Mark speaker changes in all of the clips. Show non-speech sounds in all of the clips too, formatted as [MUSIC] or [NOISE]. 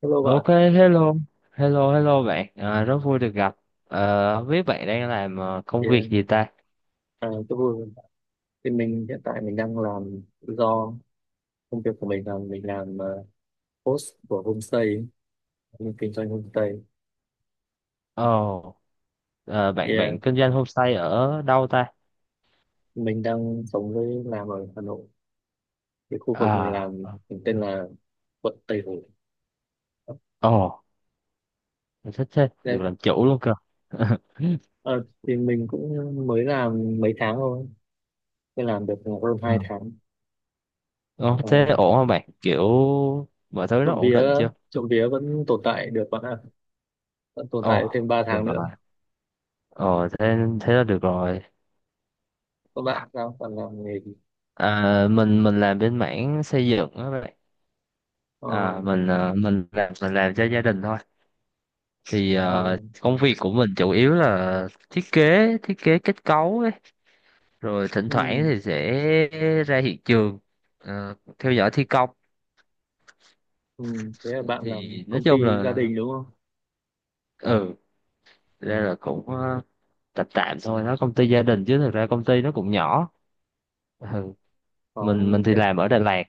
Speaker 1: Hello bạn,
Speaker 2: Ok, hello, hello, hello bạn, à, rất vui được gặp. Không biết bạn đang làm công
Speaker 1: thì
Speaker 2: việc gì ta?
Speaker 1: tôi vui. Thì hiện tại mình đang làm công việc của mình là mình làm host của homestay, ấy. Mình kinh doanh homestay.
Speaker 2: Ồ, bạn
Speaker 1: Thì
Speaker 2: bạn kinh doanh homestay ở đâu ta?
Speaker 1: mình đang sống với làm ở Hà Nội. Cái khu vực mình
Speaker 2: À,
Speaker 1: làm mình tên là quận Tây Hồ.
Speaker 2: ồ, thích thế, được
Speaker 1: Đấy.
Speaker 2: làm chủ luôn cơ. [LAUGHS]
Speaker 1: Ờ, thì mình cũng mới làm mấy tháng thôi, mới làm được hơn
Speaker 2: Ừ.
Speaker 1: 2 tháng.
Speaker 2: Ồ,
Speaker 1: Ờ,
Speaker 2: thế ổn không bạn? Kiểu mọi thứ nó
Speaker 1: Trộm
Speaker 2: ổn
Speaker 1: vía,
Speaker 2: định chưa?
Speaker 1: trộm vía vẫn tồn tại được bạn ạ, vẫn tồn tại
Speaker 2: Ồ,
Speaker 1: thêm 3
Speaker 2: được
Speaker 1: tháng
Speaker 2: rồi.
Speaker 1: nữa.
Speaker 2: Ồ, thế thế là được rồi.
Speaker 1: Các bạn sao? Bạn làm nghề gì?
Speaker 2: À, mình làm bên mảng xây dựng đó bạn.
Speaker 1: Ờ,
Speaker 2: À, mình làm cho gia đình thôi. Thì
Speaker 1: ờ.
Speaker 2: công việc của mình chủ yếu là thiết kế kết cấu ấy, rồi thỉnh thoảng
Speaker 1: Ừ.
Speaker 2: thì sẽ ra hiện trường, theo dõi thi công.
Speaker 1: Ừ, thế là bạn
Speaker 2: Thì
Speaker 1: làm
Speaker 2: nói
Speaker 1: công
Speaker 2: chung
Speaker 1: ty gia
Speaker 2: là,
Speaker 1: đình đúng không?
Speaker 2: ừ, thực ra là cũng, tạm tạm thôi, nó công ty gia đình chứ thực ra công ty nó cũng nhỏ. Ừ. mình
Speaker 1: Còn
Speaker 2: thì làm ở Đà Lạt.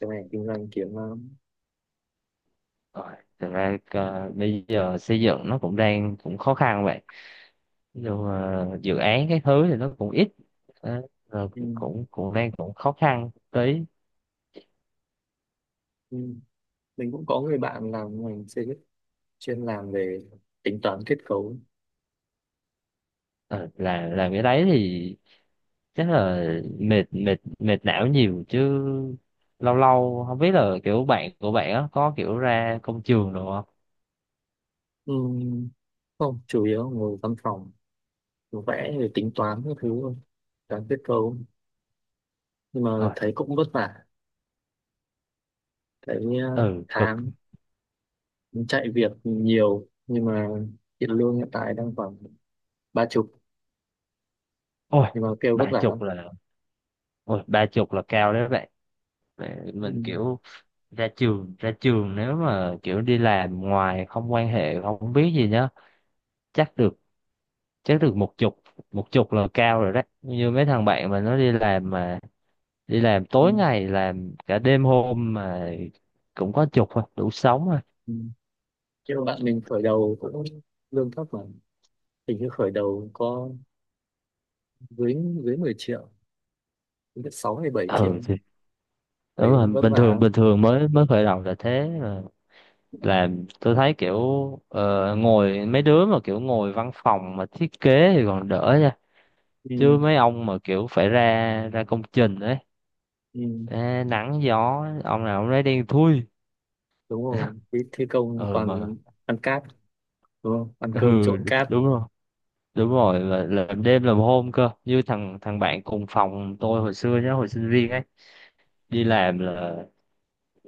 Speaker 1: cái này kinh doanh kiếm lắm.
Speaker 2: Rồi, thực ra bây giờ xây dựng nó cũng đang cũng khó khăn vậy, nhưng mà dự án cái thứ thì nó cũng ít. Đó, rồi
Speaker 1: Ừ,
Speaker 2: cũng cũng đang cũng khó khăn tí.
Speaker 1: ừ. Mình cũng có người bạn làm ngành xây dựng chuyên làm về tính toán kết cấu.
Speaker 2: Ờ, làm cái đấy thì chắc là mệt mệt mệt não nhiều chứ. Lâu lâu không biết là kiểu bạn của bạn á có kiểu ra công trường được không?
Speaker 1: Ừ, không, chủ yếu ngồi văn phòng, vẽ rồi tính toán các thứ thôi, toán kết cấu. Nhưng mà
Speaker 2: Ôi,
Speaker 1: thấy cũng vất vả, thấy
Speaker 2: ừ, cực.
Speaker 1: tháng chạy việc nhiều nhưng mà tiền lương hiện tại đang khoảng ba chục
Speaker 2: Ôi,
Speaker 1: nhưng mà kêu vất
Speaker 2: ba
Speaker 1: vả lắm.
Speaker 2: chục là ba chục là cao đấy bạn.
Speaker 1: Ừ,
Speaker 2: Mình kiểu ra trường nếu mà kiểu đi làm ngoài không quan hệ không biết gì nhá, chắc được chắc được một chục. Một chục là cao rồi đấy, như mấy thằng bạn mà nó đi làm mà đi làm
Speaker 1: ừ,
Speaker 2: tối ngày làm cả đêm hôm mà cũng có chục thôi, đủ sống thôi.
Speaker 1: ừ. Nhưng mà bạn mình khởi đầu cũng lương thấp mà hình như khởi đầu có dưới dưới 10 triệu đến 6 hay 7 triệu
Speaker 2: Ừ,
Speaker 1: ấy.
Speaker 2: thì
Speaker 1: Thấy
Speaker 2: đúng rồi.
Speaker 1: vất
Speaker 2: bình
Speaker 1: vả
Speaker 2: thường
Speaker 1: lắm.
Speaker 2: bình thường mới mới khởi đầu là thế mà. Làm tôi thấy kiểu, ngồi mấy đứa mà kiểu ngồi văn phòng mà thiết kế thì còn đỡ nha,
Speaker 1: Ừ,
Speaker 2: chứ mấy ông mà kiểu phải ra ra công trình ấy,
Speaker 1: ừ,
Speaker 2: ê, nắng gió ông nào ông lấy đen thui.
Speaker 1: đúng rồi.
Speaker 2: [LAUGHS]
Speaker 1: Cái thi công
Speaker 2: Ừ mà,
Speaker 1: toàn ăn cát, đúng không? Ăn
Speaker 2: ừ,
Speaker 1: cơm trộn cát.
Speaker 2: đúng rồi, đúng rồi, là làm đêm làm hôm cơ, như thằng thằng bạn cùng phòng tôi hồi xưa nhá, hồi sinh viên ấy, đi làm là,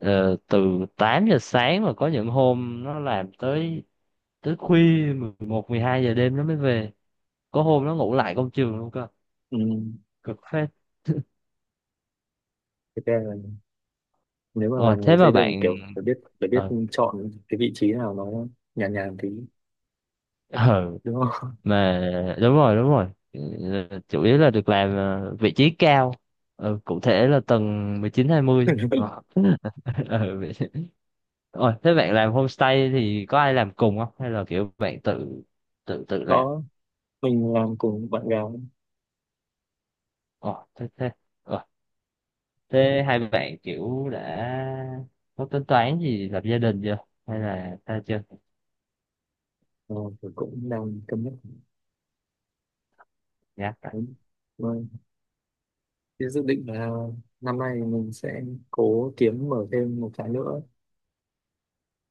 Speaker 2: từ 8 giờ sáng mà có những hôm nó làm tới tới khuya 11 12 giờ đêm nó mới về. Có hôm nó ngủ lại công trường luôn cơ.
Speaker 1: Ừ.
Speaker 2: Cực phết.
Speaker 1: Thế ra là nếu mà
Speaker 2: Ờ
Speaker 1: làm người
Speaker 2: Thế mà
Speaker 1: xây dựng
Speaker 2: bạn
Speaker 1: kiểu phải biết
Speaker 2: ờ
Speaker 1: chọn cái vị trí nào nó nhàn nhàn tí,
Speaker 2: [LAUGHS] ờ,
Speaker 1: đúng không?
Speaker 2: mà đúng rồi, đúng rồi. Chủ yếu là được làm, vị trí cao. Ờ, cụ thể là tầng 19 20. Ờ. [LAUGHS] Ờ, vậy- Ôi, thế bạn làm homestay thì có ai làm cùng không, hay là kiểu bạn tự tự tự
Speaker 1: [LAUGHS]
Speaker 2: làm?
Speaker 1: Có, mình làm cùng bạn gái.
Speaker 2: Ồ, thế thế. Ờ, thế hai bạn kiểu đã có tính toán gì lập gia đình chưa? Hay là ta chưa
Speaker 1: Ờ, thì cũng đang cân nhắc.
Speaker 2: nhắc rồi?
Speaker 1: Đúng rồi. Thế dự định là năm nay mình sẽ cố kiếm mở thêm một cái nữa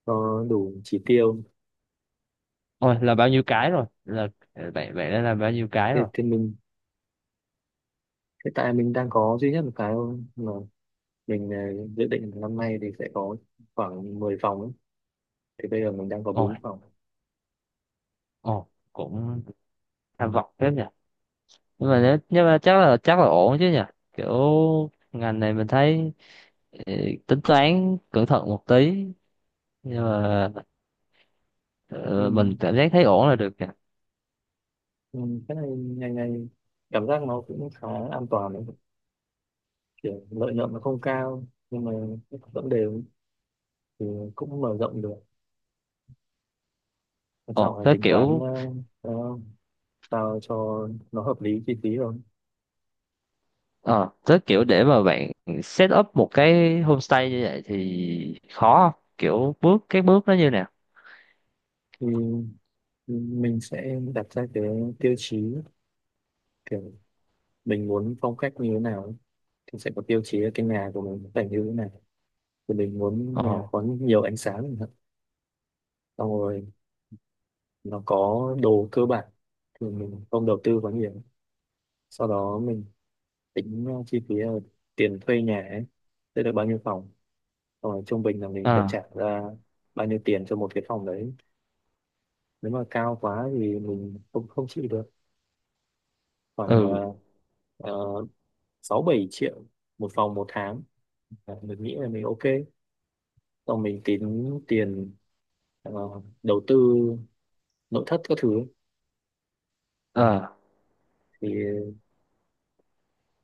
Speaker 1: cho đủ chỉ tiêu.
Speaker 2: Ôi, là bao nhiêu cái rồi? Là, bạn bạn đã làm bao nhiêu cái
Speaker 1: thì,
Speaker 2: rồi?
Speaker 1: thì hiện tại mình đang có duy nhất một cái thôi mà mình dự định là năm nay thì sẽ có khoảng 10 phòng ấy. Thì bây giờ mình đang có bốn
Speaker 2: Ôi,
Speaker 1: phòng.
Speaker 2: ồ, cũng tham vọng phết nhỉ. Nhưng mà chắc là ổn chứ nhỉ. Kiểu ngành này mình thấy, ờ, tính toán cẩn thận một tí, nhưng mà,
Speaker 1: Ừ.
Speaker 2: ờ, mình cảm giác thấy ổn là được nhỉ.
Speaker 1: Ừ. Cái này ngày ngày cảm giác nó cũng khá an toàn đấy. Kiểu lợi nhuận nó không cao nhưng mà vẫn đều, thì cũng mở rộng được. Quan trọng
Speaker 2: Ồ,
Speaker 1: là
Speaker 2: thế
Speaker 1: tính toán
Speaker 2: kiểu.
Speaker 1: ờ, sao cho nó hợp lý chi phí rồi.
Speaker 2: Ờ, tới kiểu để mà bạn set up một cái homestay như vậy thì khó không? Kiểu cái bước nó như nào?
Speaker 1: Thì mình sẽ đặt ra cái tiêu chí kiểu mình muốn phong cách như thế nào, thì sẽ có tiêu chí là cái nhà của mình phải như thế nào, thì mình muốn
Speaker 2: Ờ,
Speaker 1: nhà có nhiều ánh sáng chẳng hạn. Xong rồi nó có đồ cơ bản thì mình không đầu tư quá nhiều. Sau đó mình tính chi phí là tiền thuê nhà ấy sẽ được bao nhiêu phòng, xong rồi trung bình là mình phải trả
Speaker 2: À,
Speaker 1: ra bao nhiêu tiền cho một cái phòng đấy. Nếu mà cao quá thì mình không không chịu được. Khoảng
Speaker 2: ừ,
Speaker 1: 6 7 triệu một phòng một tháng. À, mình nghĩ là mình ok. Xong mình tính tiền ờ, đầu tư nội thất các thứ.
Speaker 2: ờ,
Speaker 1: Thì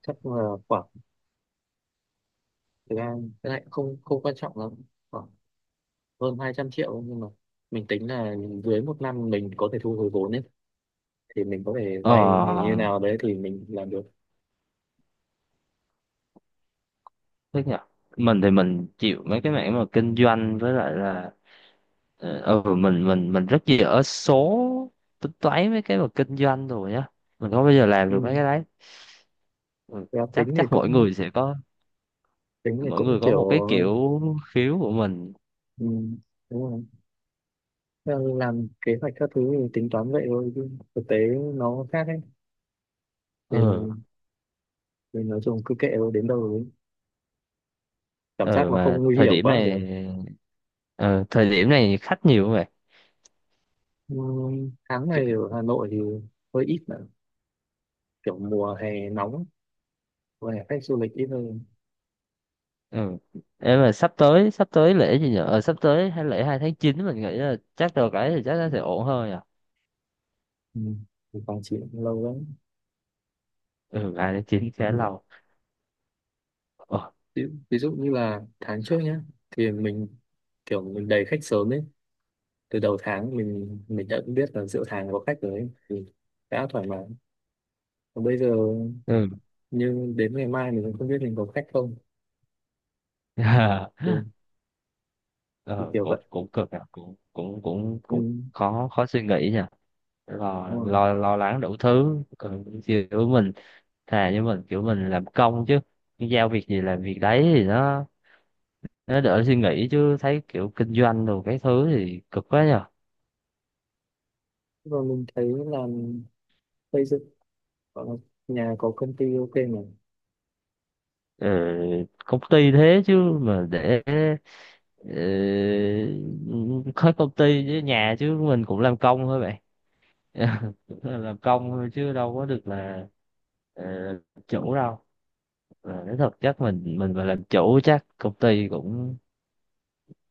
Speaker 1: chắc là khoảng, thực ra cái này cũng không không quan trọng lắm, khoảng hơn 200 triệu, nhưng mà mình tính là dưới một năm mình có thể thu hồi vốn ấy, thì mình có thể vay
Speaker 2: ờ,
Speaker 1: như nào đấy thì mình làm được.
Speaker 2: thế nhỉ? Mình thì mình chịu mấy cái mảng mà kinh doanh với lại là, ừ, mình rất dở số, tính toán mấy cái mà kinh doanh rồi nhá. Mình không bao giờ làm được mấy
Speaker 1: Ừ.
Speaker 2: cái đấy. Ừ,
Speaker 1: Và
Speaker 2: chắc chắc
Speaker 1: tính thì
Speaker 2: mỗi
Speaker 1: cũng
Speaker 2: người có
Speaker 1: kiểu.
Speaker 2: một cái kiểu, khiếu của mình.
Speaker 1: Ừ, đúng rồi. Theo làm kế hoạch các thứ thì tính toán vậy thôi chứ thực tế nó khác ấy. thì,
Speaker 2: Ừ.
Speaker 1: thì nói chung cứ kệ thôi đến đâu đấy, cảm giác
Speaker 2: ờ
Speaker 1: nó
Speaker 2: mà
Speaker 1: không nguy
Speaker 2: thời
Speaker 1: hiểm
Speaker 2: điểm
Speaker 1: quá là được.
Speaker 2: này, ờ, thời điểm này khách nhiều không vậy?
Speaker 1: Ừ, tháng
Speaker 2: Ki-
Speaker 1: này ở Hà Nội thì hơi ít nữa. Kiểu mùa hè nóng và khách du lịch ít hơn.
Speaker 2: ừ. Ê, mà sắp tới lễ gì nhở, sắp tới hay lễ 2/9, mình nghĩ là chắc được cái thì chắc nó sẽ ổn hơn nhở.
Speaker 1: Ừ. Thì Quảng Trị cũng lâu lắm.
Speaker 2: Ừ, 2 tháng chín khá
Speaker 1: Ừ.
Speaker 2: lâu. Ờ,
Speaker 1: ví, ví dụ như là tháng trước nhá, thì mình kiểu mình đầy khách sớm ấy. Từ đầu tháng mình đã biết là giữa tháng có khách rồi ấy. Thì đã thoải mái, còn bây giờ
Speaker 2: ừ.
Speaker 1: nhưng đến ngày mai mình cũng không biết mình có khách không. thì,
Speaker 2: [LAUGHS]
Speaker 1: thì
Speaker 2: ờ,
Speaker 1: kiểu
Speaker 2: cũng
Speaker 1: vậy.
Speaker 2: cũng cực nhở, cũng cũng cũng
Speaker 1: Ừ.
Speaker 2: cũng
Speaker 1: Đúng
Speaker 2: khó khó suy nghĩ nhở, lo
Speaker 1: rồi.
Speaker 2: lo lo lắng đủ thứ, ừ, kiểu mình thà như mình kiểu mình làm công chứ, giao việc gì làm việc đấy thì nó đỡ suy nghĩ, chứ thấy kiểu kinh doanh đồ cái thứ thì cực quá nhờ.
Speaker 1: Rồi mình thấy là xây dựng ở nhà có công ty ok mà.
Speaker 2: Ờ, công ty thế chứ mà để, ờ, có công ty với nhà chứ mình cũng làm công thôi vậy. [LAUGHS] Cũng là làm công thôi chứ đâu có được là, ờ, chủ đâu. Nói thật chắc mình mà làm chủ chắc công ty cũng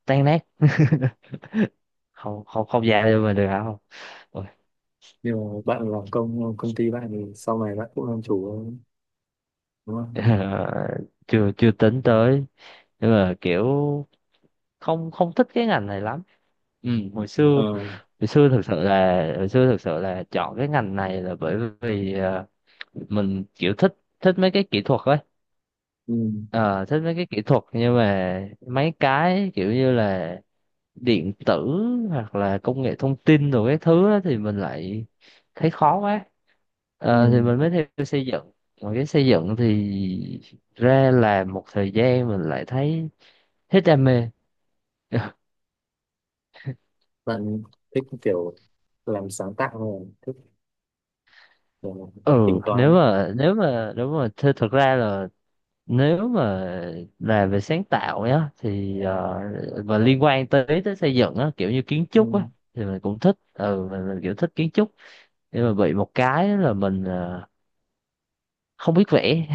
Speaker 2: tan nát, không không không dài cho mình được hả không. Ôi,
Speaker 1: Nhưng mà bạn làm công công ty bạn thì sau này bạn cũng làm chủ thôi, đúng không?
Speaker 2: [LAUGHS] chưa chưa tính tới, nhưng mà kiểu không không thích cái ngành này lắm. Ừ, hồi xưa
Speaker 1: Ờ.
Speaker 2: hồi xưa thực sự là chọn cái ngành này là bởi vì, mình kiểu thích thích mấy cái kỹ thuật ấy.
Speaker 1: Ừ.
Speaker 2: Ờ, Thích mấy cái kỹ thuật nhưng mà mấy cái kiểu như là điện tử hoặc là công nghệ thông tin rồi cái thứ á thì mình lại thấy khó quá. Thì
Speaker 1: Ừ.
Speaker 2: mình mới theo xây dựng, mà cái xây dựng thì ra làm một thời gian mình lại thấy hết đam mê. [LAUGHS]
Speaker 1: Bạn thích kiểu làm sáng tạo hơn, thích kiểu
Speaker 2: Ừ,
Speaker 1: tính
Speaker 2: nếu
Speaker 1: toán.
Speaker 2: mà nếu mà nếu mà thực ra là nếu mà là về sáng tạo nhá, thì, và liên quan tới tới xây dựng á, kiểu như kiến trúc á,
Speaker 1: Ừ.
Speaker 2: thì mình cũng thích. Ừ, mình kiểu thích kiến trúc, nhưng mà bị một cái là mình, không biết vẽ.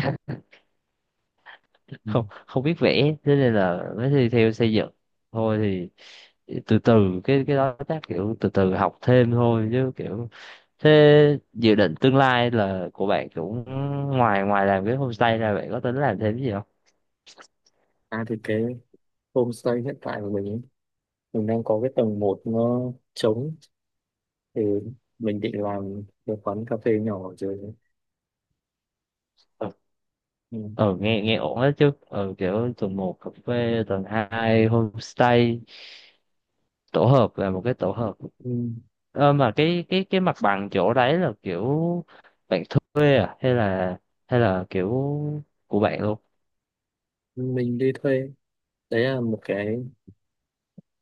Speaker 2: [LAUGHS]
Speaker 1: Ừ.
Speaker 2: không không biết vẽ thế nên là mới thi theo xây dựng. Thôi thì từ từ, cái đó chắc kiểu từ từ học thêm thôi, chứ kiểu thế. Dự định tương lai là của bạn cũng, ngoài ngoài làm cái homestay ra bạn có tính làm thêm cái gì không?
Speaker 1: À thì cái homestay hiện tại của mình ấy, mình đang có cái tầng một nó trống, thì mình định làm một quán cà phê nhỏ ở dưới đấy. Ừ.
Speaker 2: Ờ nghe nghe ổn đấy chứ, kiểu tuần một cà phê tuần hai homestay, tổ hợp là một cái tổ hợp.
Speaker 1: Ừ.
Speaker 2: Mà cái, cái mặt bằng chỗ đấy là kiểu bạn thuê à, hay là, kiểu của bạn luôn?
Speaker 1: Mình đi thuê. Đấy là một cái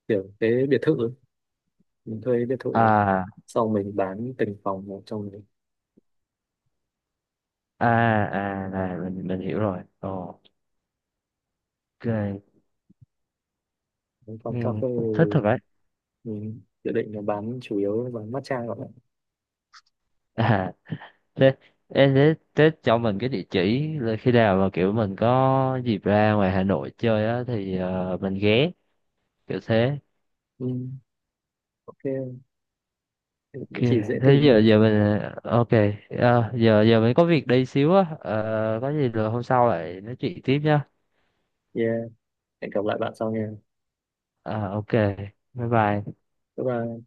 Speaker 1: kiểu cái biệt thự ấy. Mình thuê biệt thự ấy.
Speaker 2: À,
Speaker 1: Sau mình bán từng phòng một trong đấy.
Speaker 2: à, à, này mình hiểu rồi. Ồ, ok. Ừ,
Speaker 1: Còn cà phê
Speaker 2: cũng thích thật đấy.
Speaker 1: thì mình dự định là bán chủ yếu bán matcha các bạn.
Speaker 2: [LAUGHS] À, thế em thế cho mình cái địa chỉ là khi nào mà kiểu mình có dịp ra ngoài Hà Nội chơi á thì, mình ghé, kiểu thế.
Speaker 1: Ừ, ok,
Speaker 2: Ok,
Speaker 1: địa chỉ dễ tìm
Speaker 2: thế
Speaker 1: nhé.
Speaker 2: giờ giờ mình, ok, à, giờ giờ mình có việc đây xíu á. Ờ, có gì rồi hôm sau lại nói chuyện tiếp nhá.
Speaker 1: Yeah, hẹn gặp lại bạn sau nha.
Speaker 2: Ờ, ok, bye bye.
Speaker 1: Bye bye.